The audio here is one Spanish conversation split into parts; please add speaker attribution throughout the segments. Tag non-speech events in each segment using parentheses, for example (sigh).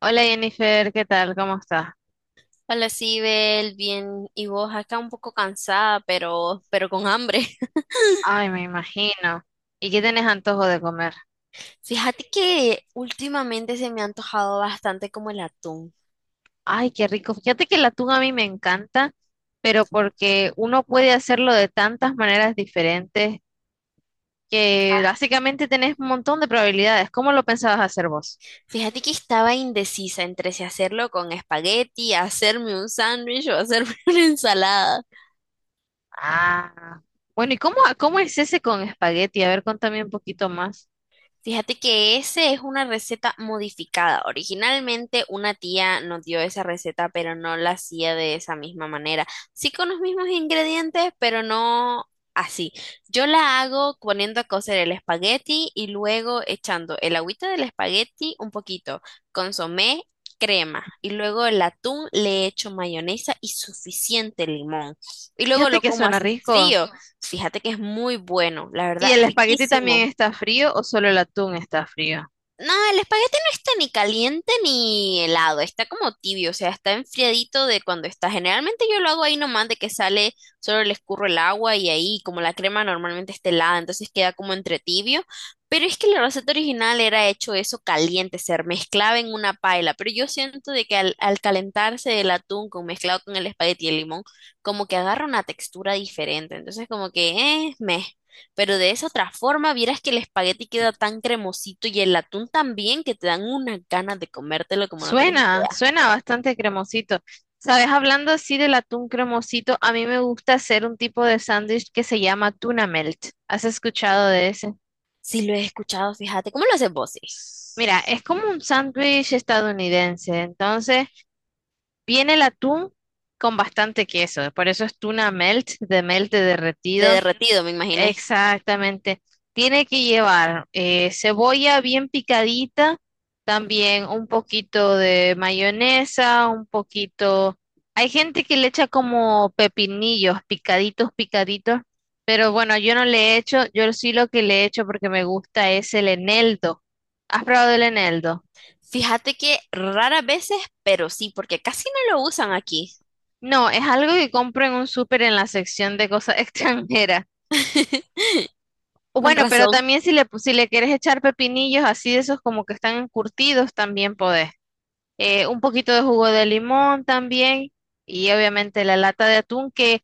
Speaker 1: Hola Jennifer, ¿qué tal? ¿Cómo estás?
Speaker 2: Hola, Sibel, bien. Y vos acá un poco cansada, pero con hambre. (laughs)
Speaker 1: Ay, me imagino. ¿Y qué tenés antojo de comer?
Speaker 2: Fíjate que últimamente se me ha antojado bastante como el atún.
Speaker 1: Ay, qué rico. Fíjate que la atún a mí me encanta, pero porque uno puede hacerlo de tantas maneras diferentes que básicamente tenés un montón de probabilidades. ¿Cómo lo pensabas hacer vos?
Speaker 2: Fíjate que estaba indecisa entre si hacerlo con espagueti, hacerme un sándwich o hacerme (laughs) una ensalada.
Speaker 1: Ah, bueno, ¿y cómo es ese con espagueti? A ver, contame un poquito más.
Speaker 2: Fíjate que ese es una receta modificada. Originalmente una tía nos dio esa receta, pero no la hacía de esa misma manera. Sí con los mismos ingredientes, pero no así. Yo la hago poniendo a cocer el espagueti y luego echando el agüita del espagueti un poquito, consomé, crema y luego el atún le echo mayonesa y suficiente limón. Y luego
Speaker 1: Fíjate
Speaker 2: lo
Speaker 1: que
Speaker 2: como
Speaker 1: suena
Speaker 2: así
Speaker 1: rico.
Speaker 2: frío. Fíjate que es muy bueno, la
Speaker 1: ¿Y
Speaker 2: verdad,
Speaker 1: el espagueti también
Speaker 2: riquísimo.
Speaker 1: está frío o solo el atún está frío?
Speaker 2: No, el espagueti no está ni caliente ni helado, está como tibio, o sea, está enfriadito de cuando está. Generalmente yo lo hago ahí nomás de que sale, solo le escurro el agua y ahí como la crema normalmente está helada, entonces queda como entre tibio. Pero es que la receta original era hecho eso caliente, se mezclaba en una paila, pero yo siento de que al calentarse el atún con mezclado con el espagueti y el limón, como que agarra una textura diferente, entonces como que, meh. Pero de esa otra forma, vieras que el espagueti queda tan cremosito y el atún también que te dan unas ganas de comértelo como no tenés
Speaker 1: Suena,
Speaker 2: idea.
Speaker 1: suena bastante cremosito. Sabes, hablando así del atún cremosito, a mí me gusta hacer un tipo de sándwich que se llama tuna melt. ¿Has escuchado de ese?
Speaker 2: Sí, lo he escuchado, fíjate. ¿Cómo lo haces vos? ¿Sí?
Speaker 1: Mira, es como un sándwich estadounidense. Entonces, viene el atún con bastante queso. Por eso es tuna melt de
Speaker 2: De
Speaker 1: derretido.
Speaker 2: derretido, me imaginé.
Speaker 1: Exactamente. Tiene que llevar cebolla bien picadita, también un poquito de mayonesa, un poquito. Hay gente que le echa como pepinillos, picaditos, picaditos, pero bueno, yo no le echo, yo sí lo que le echo porque me gusta es el eneldo. ¿Has probado el eneldo?
Speaker 2: Fíjate que raras veces, pero sí, porque casi no lo usan aquí.
Speaker 1: No, es algo que compro en un súper en la sección de cosas (laughs) extranjeras.
Speaker 2: (laughs)
Speaker 1: O
Speaker 2: Con
Speaker 1: bueno, pero
Speaker 2: razón.
Speaker 1: también si le, pu- si le quieres echar pepinillos así de esos como que están encurtidos, también podés. Un poquito de jugo de limón también y obviamente la lata de atún que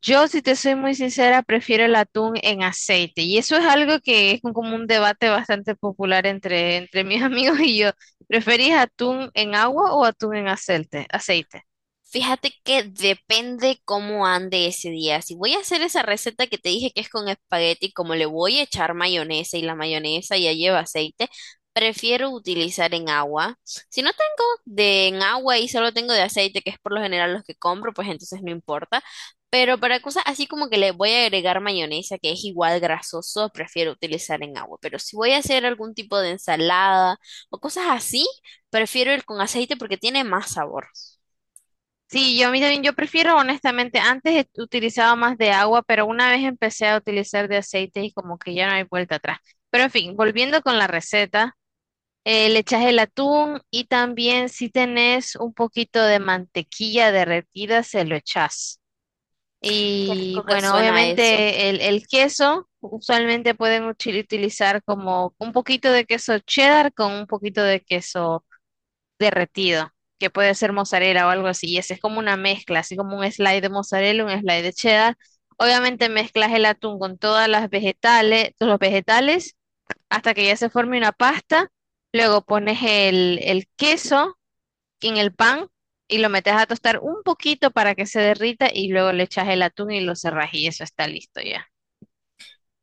Speaker 1: yo, si te soy muy sincera, prefiero el atún en aceite. Y eso es algo que es un- como un debate bastante popular entre mis (laughs) amigos y yo. ¿Preferís atún en agua o atún en aceite? Aceite.
Speaker 2: Fíjate que depende cómo ande ese día. Si voy a hacer esa receta que te dije que es con espagueti, como le voy a echar mayonesa y la mayonesa ya lleva aceite, prefiero utilizar en agua. Si no tengo de en agua y solo tengo de aceite, que es por lo general los que compro, pues entonces no importa. Pero para cosas así como que le voy a agregar mayonesa, que es igual grasoso, prefiero utilizar en agua. Pero si voy a hacer algún tipo de ensalada o cosas así, prefiero el con aceite porque tiene más sabor.
Speaker 1: Sí, yo a mí también, yo prefiero honestamente, antes he- utilizaba más de agua, pero una vez empecé a utilizar de aceite y como que ya no hay vuelta atrás. Pero en fin, volviendo con la receta, le echas el atún y también si tenés un poquito de mantequilla derretida, se lo echas.
Speaker 2: Qué
Speaker 1: Y
Speaker 2: rico que
Speaker 1: bueno,
Speaker 2: suena eso.
Speaker 1: obviamente el queso, usualmente pueden uchi- utilizar como un poquito de queso cheddar con un poquito de queso derretido, que puede ser mozzarella o algo así, y ese es como una mezcla, así como un slide de mozzarella, un slide de cheddar. Obviamente mezclas el atún con todas las vegetales, todos los vegetales, hasta que ya se forme una pasta. Luego pones el queso en el pan y lo metes a tostar un poquito para que se derrita y luego le echas el atún y lo cerras y eso está listo ya.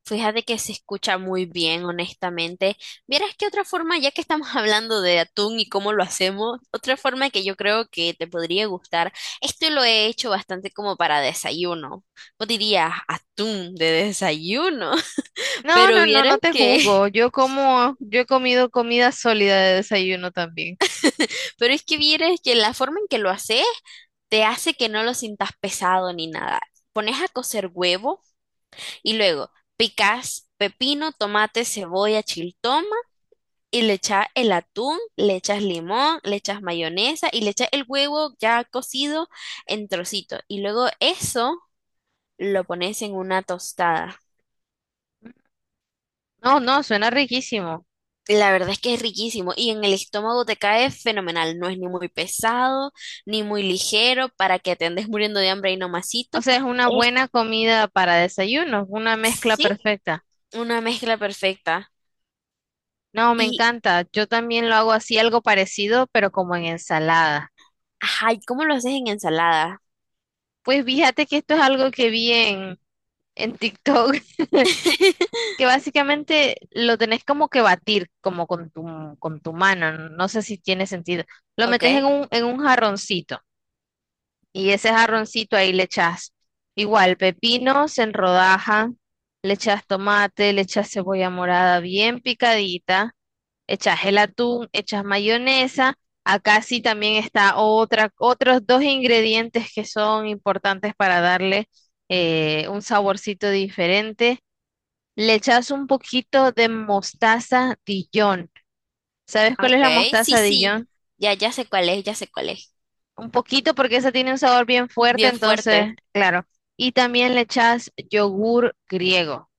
Speaker 2: Fíjate que se escucha muy bien, honestamente. Vieras que otra forma, ya que estamos (laughs) hablando de atún y cómo lo hacemos, otra forma que yo creo que te podría gustar, esto lo he hecho bastante como para desayuno. Vos dirías atún de desayuno, (laughs)
Speaker 1: No,
Speaker 2: pero
Speaker 1: no, no,
Speaker 2: vieras
Speaker 1: no te
Speaker 2: que,
Speaker 1: juzgo. Yo como, yo he comido comida sólida de desayuno también.
Speaker 2: (laughs) pero es que vieras que la forma en que lo haces te hace que no lo sintas pesado ni nada. Pones a cocer huevo y luego picas pepino, tomate, cebolla, chiltón. Y le echas el atún, le echas limón, le echas mayonesa y le echas el huevo ya cocido en trocitos. Y luego eso lo pones en una tostada.
Speaker 1: No, no, suena riquísimo.
Speaker 2: La verdad es que es riquísimo y en el estómago te cae fenomenal. No es ni muy pesado, ni muy ligero para que te andes muriendo de hambre y nomasito.
Speaker 1: O sea, es una
Speaker 2: Es,
Speaker 1: buena comida para desayuno, una mezcla
Speaker 2: sí,
Speaker 1: perfecta.
Speaker 2: una mezcla perfecta.
Speaker 1: No, me
Speaker 2: Y,
Speaker 1: encanta. Yo también lo hago así, algo parecido, pero como en ensalada.
Speaker 2: ajá, ¿y cómo lo haces en ensalada?
Speaker 1: Pues fíjate que esto es algo que vi en TikTok, (laughs)
Speaker 2: (laughs)
Speaker 1: que básicamente lo tenés como que batir, como con con tu mano. No sé si tiene sentido. Lo
Speaker 2: Ok,
Speaker 1: metes en un jarroncito y ese jarroncito ahí le echas igual pepinos en rodaja, le echas tomate, le echas cebolla morada bien picadita, echas el atún, echas mayonesa. Acá sí también está otra, otros dos ingredientes que son importantes para darle un saborcito diferente. Le echas un poquito de mostaza Dijon. ¿Sabes cuál es la
Speaker 2: ok, sí,
Speaker 1: mostaza
Speaker 2: sí.
Speaker 1: Dijon?
Speaker 2: Ya, ya sé cuál es, ya sé cuál es.
Speaker 1: Un poquito porque esa tiene un sabor bien fuerte,
Speaker 2: Bien
Speaker 1: entonces,
Speaker 2: fuerte.
Speaker 1: claro. Y también le echas yogur griego.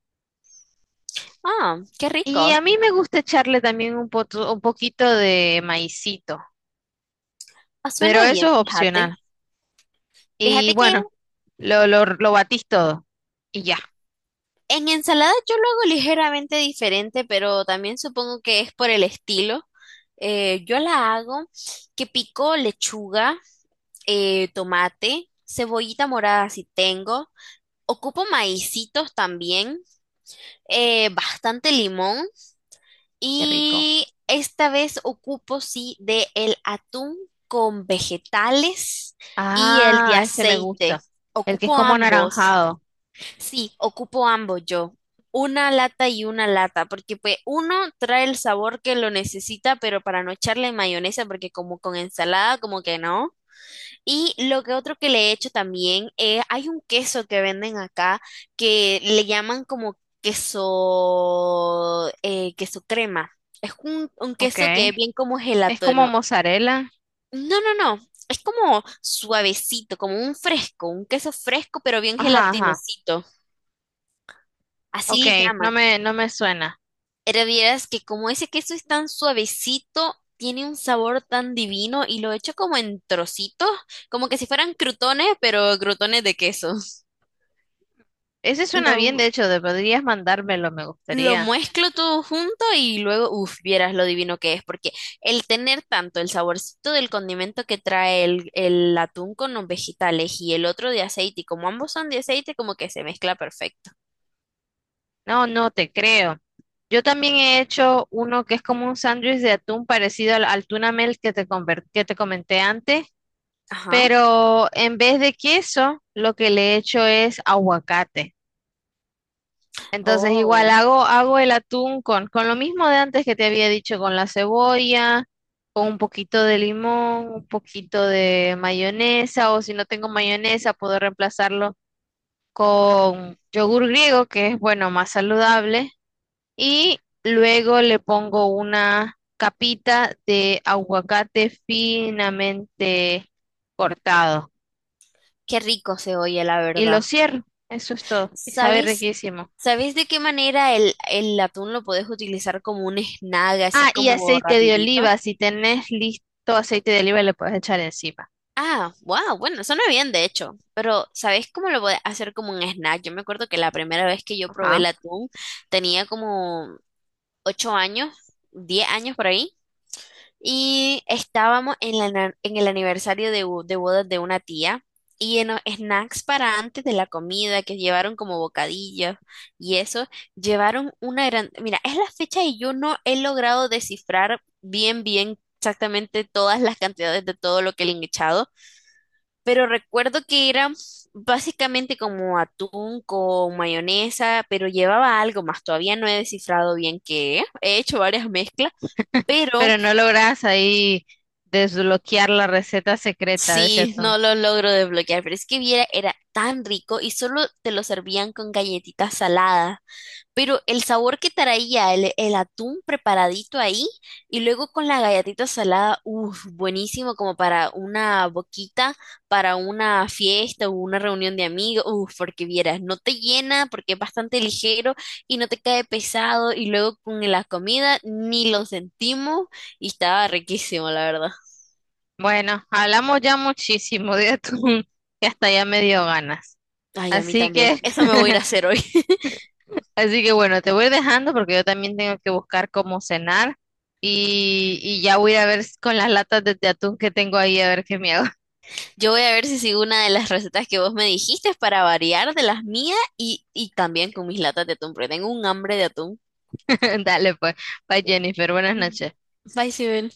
Speaker 2: Ah, qué
Speaker 1: Y a
Speaker 2: rico.
Speaker 1: mí me gusta echarle también un, poto- un poquito de maicito,
Speaker 2: Ah,
Speaker 1: pero
Speaker 2: suena
Speaker 1: eso
Speaker 2: bien,
Speaker 1: es
Speaker 2: fíjate.
Speaker 1: opcional. Y
Speaker 2: Fíjate que
Speaker 1: bueno, lo batís todo. Y ya,
Speaker 2: en ensalada yo lo hago ligeramente diferente, pero también supongo que es por el estilo. Yo la hago que pico lechuga, tomate, cebollita morada si tengo. Ocupo maicitos también, bastante limón
Speaker 1: qué rico.
Speaker 2: y esta vez ocupo sí de el atún con vegetales y el de
Speaker 1: Ah, ese me gusta.
Speaker 2: aceite.
Speaker 1: El que es
Speaker 2: Ocupo
Speaker 1: como
Speaker 2: ambos.
Speaker 1: anaranjado.
Speaker 2: Sí, ocupo ambos yo. Una lata y una lata, porque pues uno trae el sabor que lo necesita, pero para no echarle mayonesa, porque como con ensalada, como que no. Y lo que otro que le he hecho también, hay un queso que venden acá que le llaman como queso, queso crema. Es un queso que
Speaker 1: Ok.
Speaker 2: es bien como
Speaker 1: Es como
Speaker 2: gelatino.
Speaker 1: mozzarella.
Speaker 2: No, no, no, no. Es como suavecito, como un fresco, un queso fresco, pero bien
Speaker 1: Ajá, ajá.
Speaker 2: gelatinosito. Así
Speaker 1: Ok,
Speaker 2: le
Speaker 1: no
Speaker 2: llaman.
Speaker 1: me, no me suena.
Speaker 2: Pero vieras que como ese queso es tan suavecito, tiene un sabor tan divino y lo echo como en trocitos, como que si fueran crutones, pero crutones de queso.
Speaker 1: Ese suena bien, de
Speaker 2: Lo,
Speaker 1: hecho, de- podrías mandármelo, me
Speaker 2: lo
Speaker 1: gustaría.
Speaker 2: mezclo todo junto y luego, uff, vieras lo divino que es, porque el tener tanto el saborcito del condimento que trae el atún con los vegetales y el otro de aceite, y como ambos son de aceite, como que se mezcla perfecto.
Speaker 1: No, no te creo. Yo también he hecho uno que es como un sándwich de atún parecido al tuna melt que te, conver- que te comenté antes,
Speaker 2: Ajá.
Speaker 1: pero en vez de queso, lo que le he hecho es aguacate. Entonces igual
Speaker 2: Oh,
Speaker 1: hago, hago el atún con lo mismo de antes que te había dicho, con la cebolla, con un poquito de limón, un poquito de mayonesa, o si no tengo mayonesa, puedo reemplazarlo con yogur griego, que es bueno, más saludable, y luego le pongo una capita de aguacate finamente cortado
Speaker 2: qué rico se oye, la
Speaker 1: y lo
Speaker 2: verdad.
Speaker 1: cierro. Eso es todo. Y sabe
Speaker 2: ¿Sabes?
Speaker 1: riquísimo.
Speaker 2: ¿Sabes de qué manera el atún lo podés utilizar como un snack, así
Speaker 1: Ah, y
Speaker 2: como
Speaker 1: aceite de
Speaker 2: rapidito?
Speaker 1: oliva, si tenés listo aceite de oliva, le puedes echar encima.
Speaker 2: Ah, wow, bueno, suena bien de hecho, pero ¿sabes cómo lo podés hacer como un snack? Yo me acuerdo que la primera vez que yo probé
Speaker 1: Ajá.
Speaker 2: el atún tenía como 8 años, 10 años por ahí. Y estábamos en, la na- en el aniversario de, bo- de bodas de una tía y en los snacks para antes de la comida que llevaron como bocadillos y eso, llevaron una gran... Mira, es la fecha y yo no he logrado descifrar bien, bien exactamente todas las cantidades de todo lo que le han echado, pero recuerdo que era básicamente como atún con mayonesa, pero llevaba algo más, todavía no he descifrado bien qué, he hecho varias mezclas. Pero
Speaker 1: Pero no lográs ahí desbloquear la receta secreta de ese
Speaker 2: sí,
Speaker 1: atún.
Speaker 2: no lo logro desbloquear, pero es que viera, era tan rico y solo te lo servían con galletitas saladas. Pero el sabor que traía el atún preparadito ahí y luego con la galletita salada, uff, buenísimo como para una boquita, para una fiesta o una reunión de amigos, uff, porque vieras, no te llena porque es bastante ligero y no te cae pesado y luego con la comida ni lo sentimos y estaba riquísimo, la verdad.
Speaker 1: Bueno, hablamos ya muchísimo de atún, (laughs) que hasta ya me dio ganas.
Speaker 2: Ay, a mí
Speaker 1: Así
Speaker 2: también.
Speaker 1: que,
Speaker 2: (laughs) Eso me voy a ir a hacer hoy. (laughs)
Speaker 1: así que bueno, te voy dejando porque yo también tengo que buscar cómo cenar y ya voy a ir a ver s- con las latas de atún que tengo ahí a ver qué me hago.
Speaker 2: Yo voy a ver si sigo una de las recetas que vos me dijiste para variar de las mías y también con mis latas de atún, porque tengo un hambre de atún.
Speaker 1: (laughs) Dale pues, bye Jennifer, buenas noches.
Speaker 2: Bye, Sibel.